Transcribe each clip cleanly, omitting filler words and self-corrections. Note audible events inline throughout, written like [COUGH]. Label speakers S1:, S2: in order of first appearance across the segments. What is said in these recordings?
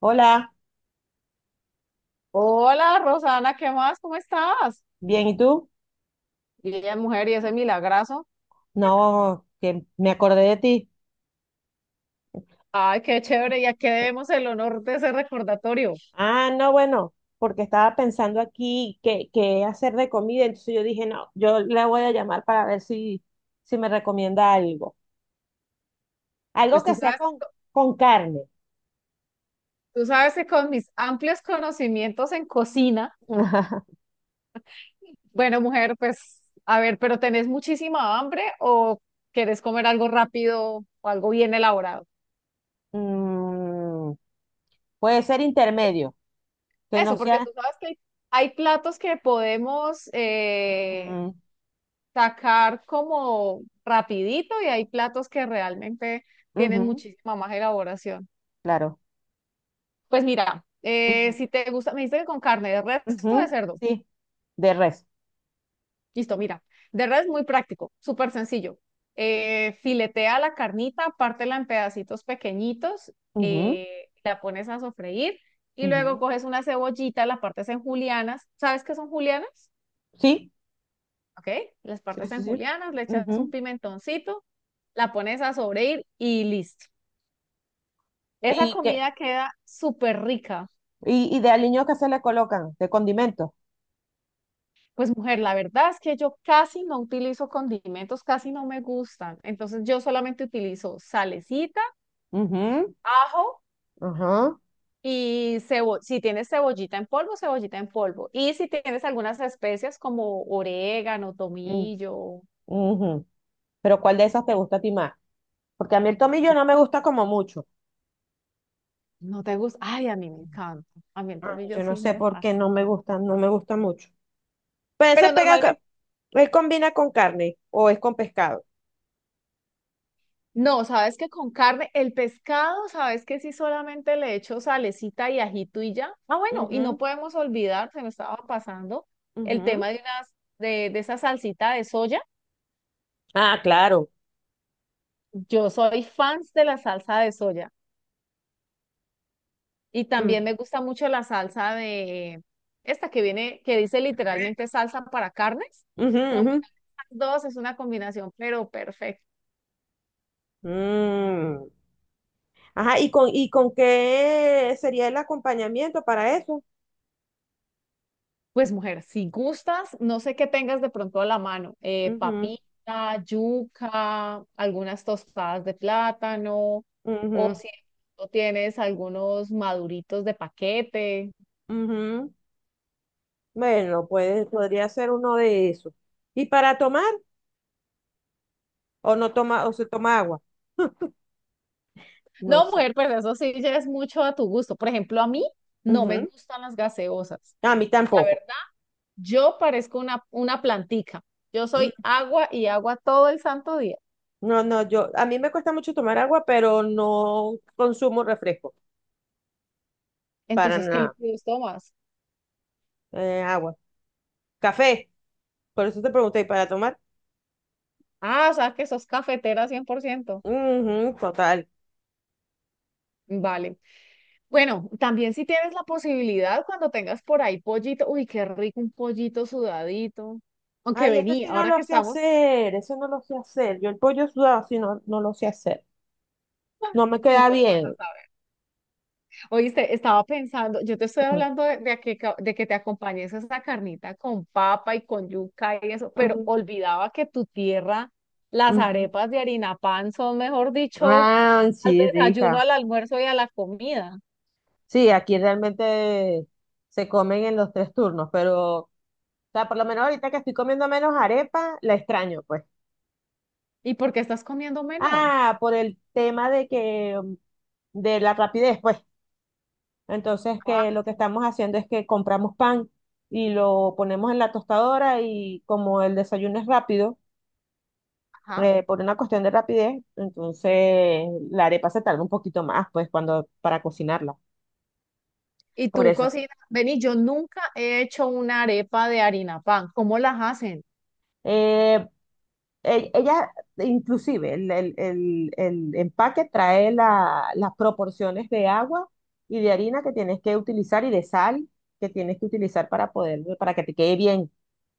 S1: Hola,
S2: Hola, Rosana, ¿qué más? ¿Cómo estás?
S1: bien, ¿y tú?
S2: Bien, mujer, y ese milagrazo.
S1: No, que me acordé de ti.
S2: Ay, qué chévere, ya que debemos el honor de ese recordatorio.
S1: Ah, no, bueno, porque estaba pensando aquí qué hacer de comida, entonces yo dije, no, yo le voy a llamar para ver si me recomienda algo. Algo
S2: Pues tú
S1: que sea
S2: sabes,
S1: con, con carne.
S2: tú sabes que con mis amplios conocimientos en cocina,
S1: [LAUGHS]
S2: bueno, mujer, pues a ver, pero ¿tenés muchísima hambre o querés comer algo rápido o algo bien elaborado?
S1: Mm, puede ser intermedio, que no
S2: Eso, porque
S1: sea...
S2: tú sabes que hay platos que podemos
S1: Ujú,
S2: sacar como rapidito y hay platos que realmente tienen
S1: ujú,
S2: muchísima más elaboración.
S1: claro.
S2: Pues mira,
S1: Ujú,
S2: si te gusta, me dijiste que con carne de res o de
S1: ujú,
S2: cerdo.
S1: sí, de res.
S2: Listo, mira. De res muy práctico, súper sencillo. Filetea la carnita, pártela en pedacitos pequeñitos,
S1: Ujú,
S2: la pones a sofreír y luego
S1: ujú,
S2: coges una cebollita, la partes en julianas. ¿Sabes qué son julianas?
S1: sí,
S2: Ok, las
S1: sí,
S2: partes
S1: sí,
S2: en
S1: sí.
S2: julianas, le echas un pimentoncito, la pones a sofreír y listo. Esa
S1: Y, que,
S2: comida queda súper rica.
S1: y de aliños que se le colocan, de condimentos.
S2: Pues mujer, la verdad es que yo casi no utilizo condimentos, casi no me gustan. Entonces yo solamente utilizo salecita,
S1: Ujú.
S2: ajo
S1: Ajá.
S2: y cebo si tienes cebollita en polvo, cebollita en polvo. Y si tienes algunas especias como orégano,
S1: mm,
S2: tomillo,
S1: ujú. Pero ¿cuál de esas te gusta a ti más? Porque a mí el tomillo no me gusta como mucho.
S2: no te gusta. Ay, a mí me
S1: Ujú.
S2: encanta. A mí el
S1: Ah,
S2: tomillo
S1: yo no
S2: sí
S1: sé
S2: me
S1: por qué
S2: fascina.
S1: no me gusta, no me gusta mucho. Pero ese
S2: Pero
S1: pega,
S2: normalmente
S1: él ¿combina con carne o es con pescado?
S2: no, sabes que con carne, el pescado, sabes que sí solamente le echo salecita y ajito y ya. Ah, bueno, y no podemos olvidar, se me estaba pasando
S1: Ujú,
S2: el tema
S1: ujú,
S2: de unas, de esa salsita de soya.
S1: ah, claro.
S2: Yo soy fans de la salsa de soya y
S1: Ujú.
S2: también me gusta mucho la salsa de esta que viene, que dice literalmente salsa para carnes. Combina
S1: Ujú,
S2: las dos, es una combinación, pero perfecta.
S1: ujú. Mm. Ajá, y con qué sería el acompañamiento para eso?
S2: Pues mujer, si gustas, no sé qué tengas de pronto a la mano,
S1: Ujú.
S2: papita, yuca, algunas tostadas de plátano, o
S1: Ujú.
S2: si de pronto tienes algunos maduritos de paquete.
S1: Ujú. Bueno, puede, podría ser uno de esos. ¿Y para tomar? ¿O no toma, o se toma agua? No
S2: No,
S1: sé.
S2: mujer, pues eso sí ya es mucho a tu gusto. Por ejemplo, a mí no me
S1: Ujú.
S2: gustan las gaseosas.
S1: A mí
S2: La
S1: tampoco.
S2: verdad, yo parezco una plantica. Yo
S1: Mm,
S2: soy agua y agua todo el santo día.
S1: No, no, yo, a mí me cuesta mucho tomar agua, pero no consumo refresco, para
S2: Entonces, ¿qué
S1: nada.
S2: líquidos tomas?
S1: Agua. Café, por eso te pregunté, ¿y para tomar?
S2: Ah, o sea que sos cafetera 100%.
S1: Ujú, total.
S2: Vale. Bueno, también si tienes la posibilidad, cuando tengas por ahí pollito, uy, qué rico un pollito sudadito. Aunque
S1: Ay, eso
S2: vení,
S1: sí no
S2: ahora que
S1: lo sé
S2: estamos,
S1: hacer, eso no lo sé hacer. Yo el pollo sudado sí no lo sé hacer. No me
S2: ¿cómo
S1: queda
S2: lo vas a
S1: bien.
S2: saber? Oíste, estaba pensando, yo te estoy
S1: Ujú,
S2: hablando de a de que te acompañes a esa carnita con papa y con yuca y eso, pero
S1: ujú,
S2: olvidaba que tu tierra, las
S1: ujú.
S2: arepas de harina pan son, mejor dicho,
S1: Ah,
S2: al
S1: sí,
S2: desayuno,
S1: rica.
S2: al almuerzo y a la comida.
S1: Sí, aquí realmente se comen en los tres turnos, pero, o sea, por lo menos ahorita que estoy comiendo menos arepa, la extraño, pues.
S2: ¿Y por qué estás comiendo menos?
S1: Ah, por el tema de que, de la rapidez, pues. Entonces, que lo que estamos haciendo es que compramos pan y lo ponemos en la tostadora y como el desayuno es rápido,
S2: Ajá.
S1: por una cuestión de rapidez, entonces la arepa se tarda un poquito más, pues, cuando, para cocinarla.
S2: Y
S1: Por
S2: tú
S1: eso.
S2: cocinas, vení, yo nunca he hecho una arepa de harina pan. ¿Cómo las hacen?
S1: Eh, Ella, inclusive, el empaque trae las proporciones de agua y de harina que tienes que utilizar y de sal que tienes que utilizar para poder, para que te quede bien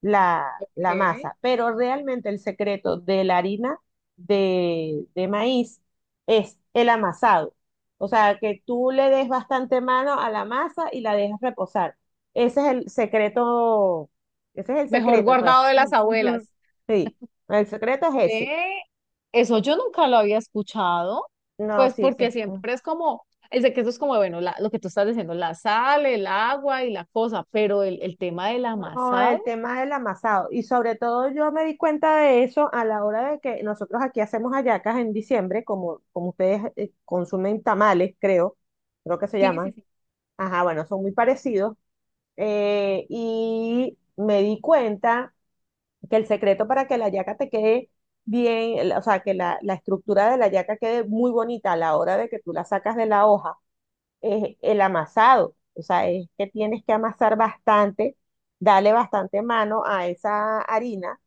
S1: la, la
S2: ¿Qué?
S1: masa. Pero realmente el secreto de la harina de maíz es el amasado. O sea, que tú le des bastante mano a la masa y la dejas reposar. Ese es el secreto, ese es el
S2: Mejor
S1: secreto, pues.
S2: guardado de
S1: Mm,
S2: las
S1: ujú.
S2: abuelas.
S1: Sí. El secreto es ese.
S2: ¿Qué? Eso yo nunca lo había escuchado,
S1: No,
S2: pues
S1: sí, ese.
S2: porque siempre es como, el de que eso es como, bueno, lo que tú estás diciendo, la sal, el agua y la cosa, pero el tema del
S1: No, el
S2: amasado,
S1: tema del amasado. Y sobre todo yo me di cuenta de eso a la hora de que nosotros aquí hacemos hallacas en diciembre, como, como ustedes consumen tamales, creo, creo que se
S2: sí, sí,
S1: llaman.
S2: sí,
S1: Ajá, bueno, son muy parecidos. Y me di cuenta que el secreto para que la hallaca te quede bien, o sea, que la estructura de la hallaca quede muy bonita a la hora de que tú la sacas de la hoja es el amasado. O sea, es que tienes que amasar bastante, darle bastante mano a esa harina.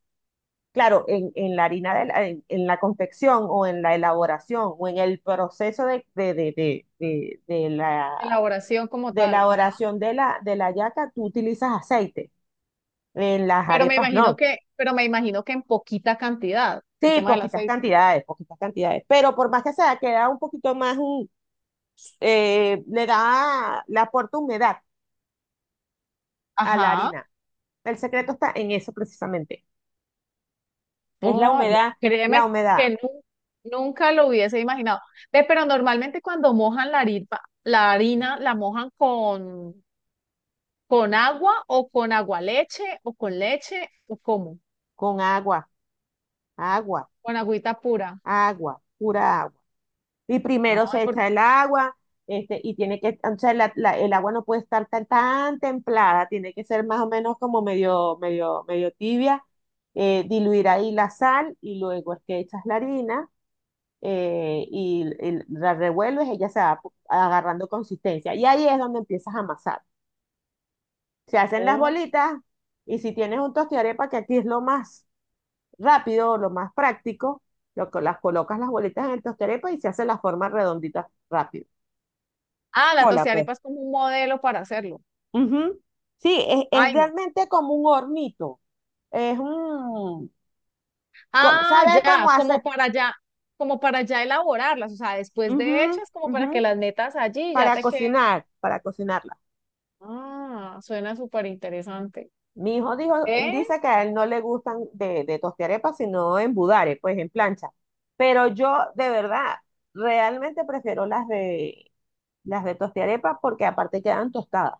S1: Claro, en la harina, en la confección o en la elaboración o en el proceso de
S2: elaboración como
S1: de
S2: tal, ajá.
S1: elaboración de de la yaca, tú utilizas aceite. En las
S2: Pero me
S1: arepas
S2: imagino
S1: no.
S2: que, pero me imagino que en poquita cantidad, el
S1: Sí,
S2: tema del
S1: poquitas
S2: aceite.
S1: cantidades, poquitas cantidades. Pero por más que sea, queda un poquito más, le da, le aporta humedad a la
S2: Ajá.
S1: harina. El secreto está en eso precisamente. Es
S2: Oh,
S1: la
S2: créeme
S1: humedad
S2: que nu- nunca lo hubiese imaginado. Ve, pero normalmente cuando mojan la harina, la harina la mojan con agua o con agua leche o con leche o cómo,
S1: con agua, agua,
S2: con agüita pura.
S1: agua, pura agua. Y
S2: No,
S1: primero se
S2: por
S1: echa el agua, y tiene que, o sea, el agua no puede estar tan, tan templada, tiene que ser más o menos como medio tibia, diluir ahí la sal y luego es que echas la harina y la revuelves, ella se va agarrando consistencia. Y ahí es donde empiezas a amasar. Se hacen las
S2: oh.
S1: bolitas y si tienes un tostiarepa, que aquí es lo más rápido, lo más práctico, lo que las colocas las bolitas en el tostiarepa y se hace la forma redondita rápido.
S2: Ah, la
S1: Hola, pues.
S2: tostiarepa es como un modelo para hacerlo.
S1: Ujú. Sí, es
S2: Ay, no.
S1: realmente como un hornito. Es un...
S2: Ah,
S1: ¿Sabes cómo
S2: ya,
S1: hacer?
S2: como para ya elaborarlas, o sea, después de
S1: Ujú,
S2: hechas, como para que
S1: ujú,
S2: las metas allí y ya
S1: para
S2: te queden.
S1: cocinar, para cocinar.
S2: Ah, suena súper interesante.
S1: Mi hijo dijo, dice que a él no le gustan de tostiarepas, sino en budare, pues en plancha. Pero yo, de verdad, realmente prefiero las las de tostiarepas porque aparte quedan tostadas.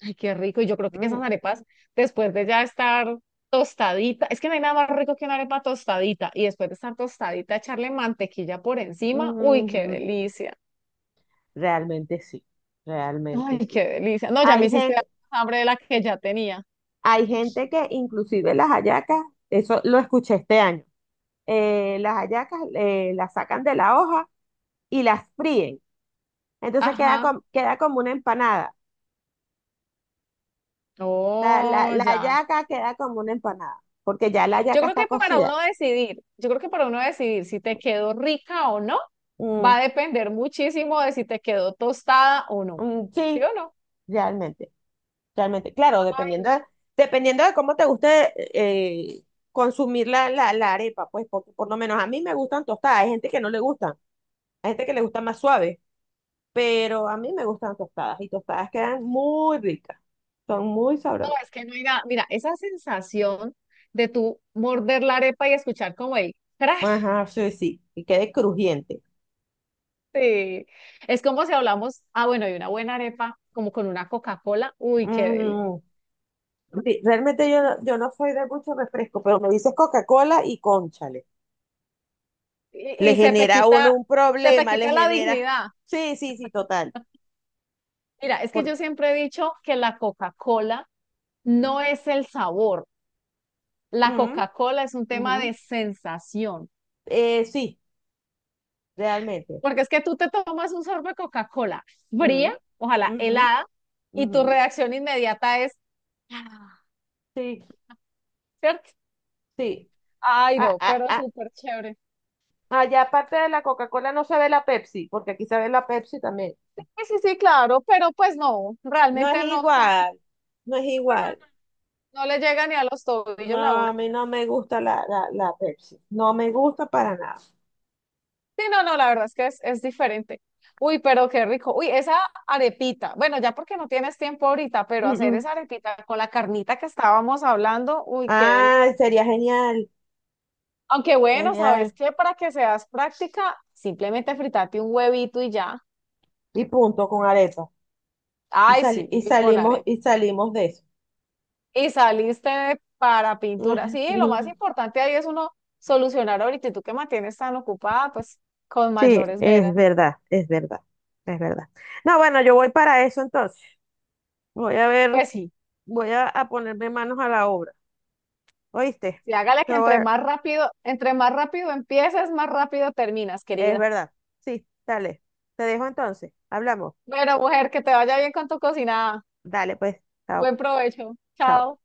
S2: Ay, qué rico. Y yo creo que esas
S1: Mm,
S2: arepas, después de ya estar tostadita, es que no hay nada más rico que una arepa tostadita. Y después de estar tostadita, echarle mantequilla por encima. Uy, qué
S1: mm,
S2: delicia.
S1: realmente sí, realmente
S2: Ay, qué
S1: sí.
S2: delicia. No, ya me
S1: Hay
S2: hiciste dar
S1: gente,
S2: más hambre de la que ya tenía.
S1: hay gente que inclusive las hallacas, eso lo escuché este año, las hallacas las sacan de la hoja y las fríen. Entonces queda,
S2: Ajá.
S1: queda como una empanada. Sea,
S2: Oh,
S1: la
S2: ya.
S1: yaca queda como una empanada, porque ya la
S2: Yo
S1: yaca
S2: creo
S1: está
S2: que para
S1: cocida.
S2: uno decidir, yo creo que para uno decidir si te quedó rica o no,
S1: Mm,
S2: va a depender muchísimo de si te quedó tostada o no.
S1: mm,
S2: ¿Sí
S1: sí,
S2: o no?
S1: realmente, realmente. Claro, dependiendo de cómo te guste eh, consumir la arepa, pues, porque por lo menos a mí me gustan tostadas, hay gente que no le gustan, hay gente que le gusta más suave, pero a mí me gustan tostadas y tostadas quedan muy ricas, son muy
S2: No,
S1: sabrosas.
S2: es que no hay nada. Mira, esa sensación de tú morder la arepa y escuchar como el crash
S1: Ajá, sí, sí, y quede crujiente.
S2: de-. Es como si hablamos, ah, bueno, y una buena arepa, como con una Coca-Cola. Uy, qué deli.
S1: Mm, sí, realmente yo no, yo no soy de mucho refresco, pero me dices Coca-Cola y cónchale. Le
S2: Y
S1: genera a uno un
S2: se te
S1: problema, le
S2: quita la
S1: genera.
S2: dignidad.
S1: Sí, sí, sí, total.
S2: Mira, es que
S1: Por...
S2: yo siempre he dicho que la Coca-Cola no es el sabor. La
S1: Mm,
S2: Coca-Cola es un tema
S1: ujú.
S2: de sensación.
S1: Sí, realmente.
S2: Porque es que tú te tomas un sorbo de Coca-Cola fría,
S1: Mm,
S2: ojalá
S1: ujú,
S2: helada, y tu
S1: ujú.
S2: reacción inmediata es.
S1: Sí,
S2: ¿Cierto?
S1: sí.
S2: Ay,
S1: Ah,
S2: no,
S1: ah,
S2: pero
S1: ah.
S2: súper chévere.
S1: Allá aparte de la Coca-Cola no se ve la Pepsi, porque aquí se ve la Pepsi también.
S2: Sí, sí, sí, claro, pero pues no,
S1: No es
S2: realmente no son,
S1: igual, no es
S2: no, no, no,
S1: igual.
S2: no le llega ni a los
S1: No,
S2: tobillos la
S1: a
S2: una.
S1: mí no me gusta la Pepsi. No me gusta para nada.
S2: Sí, no, no, la verdad es que es diferente. Uy, pero qué rico. Uy, esa arepita, bueno, ya porque no tienes tiempo ahorita,
S1: Mm,
S2: pero hacer
S1: mm.
S2: esa arepita con la carnita que estábamos hablando, uy, qué deli-.
S1: Ah, sería genial,
S2: Aunque bueno,
S1: genial.
S2: ¿sabes qué? Para que seas práctica, simplemente fritate un huevito y ya.
S1: Y punto con arepa. Y,
S2: Ay, sí, y con arepa.
S1: y salimos de eso.
S2: Y saliste de- para pintura. Sí, lo más
S1: [LAUGHS]
S2: importante ahí es uno solucionar ahorita y tú que mantienes tan ocupada, pues con
S1: Sí,
S2: mayores
S1: es
S2: veras.
S1: verdad, es verdad, es verdad. No, bueno, yo voy para eso entonces. Voy a ver,
S2: Pues sí,
S1: voy a ponerme manos a la obra. ¿Oíste?
S2: sí, hágale
S1: Te
S2: que
S1: voy a-
S2: entre más rápido empieces, más rápido terminas,
S1: Es
S2: querida.
S1: verdad. Sí, dale. Te dejo entonces. Hablamos.
S2: Bueno, mujer, que te vaya bien con tu cocinada.
S1: Dale, pues. Chao,
S2: Buen provecho.
S1: chao.
S2: Chao.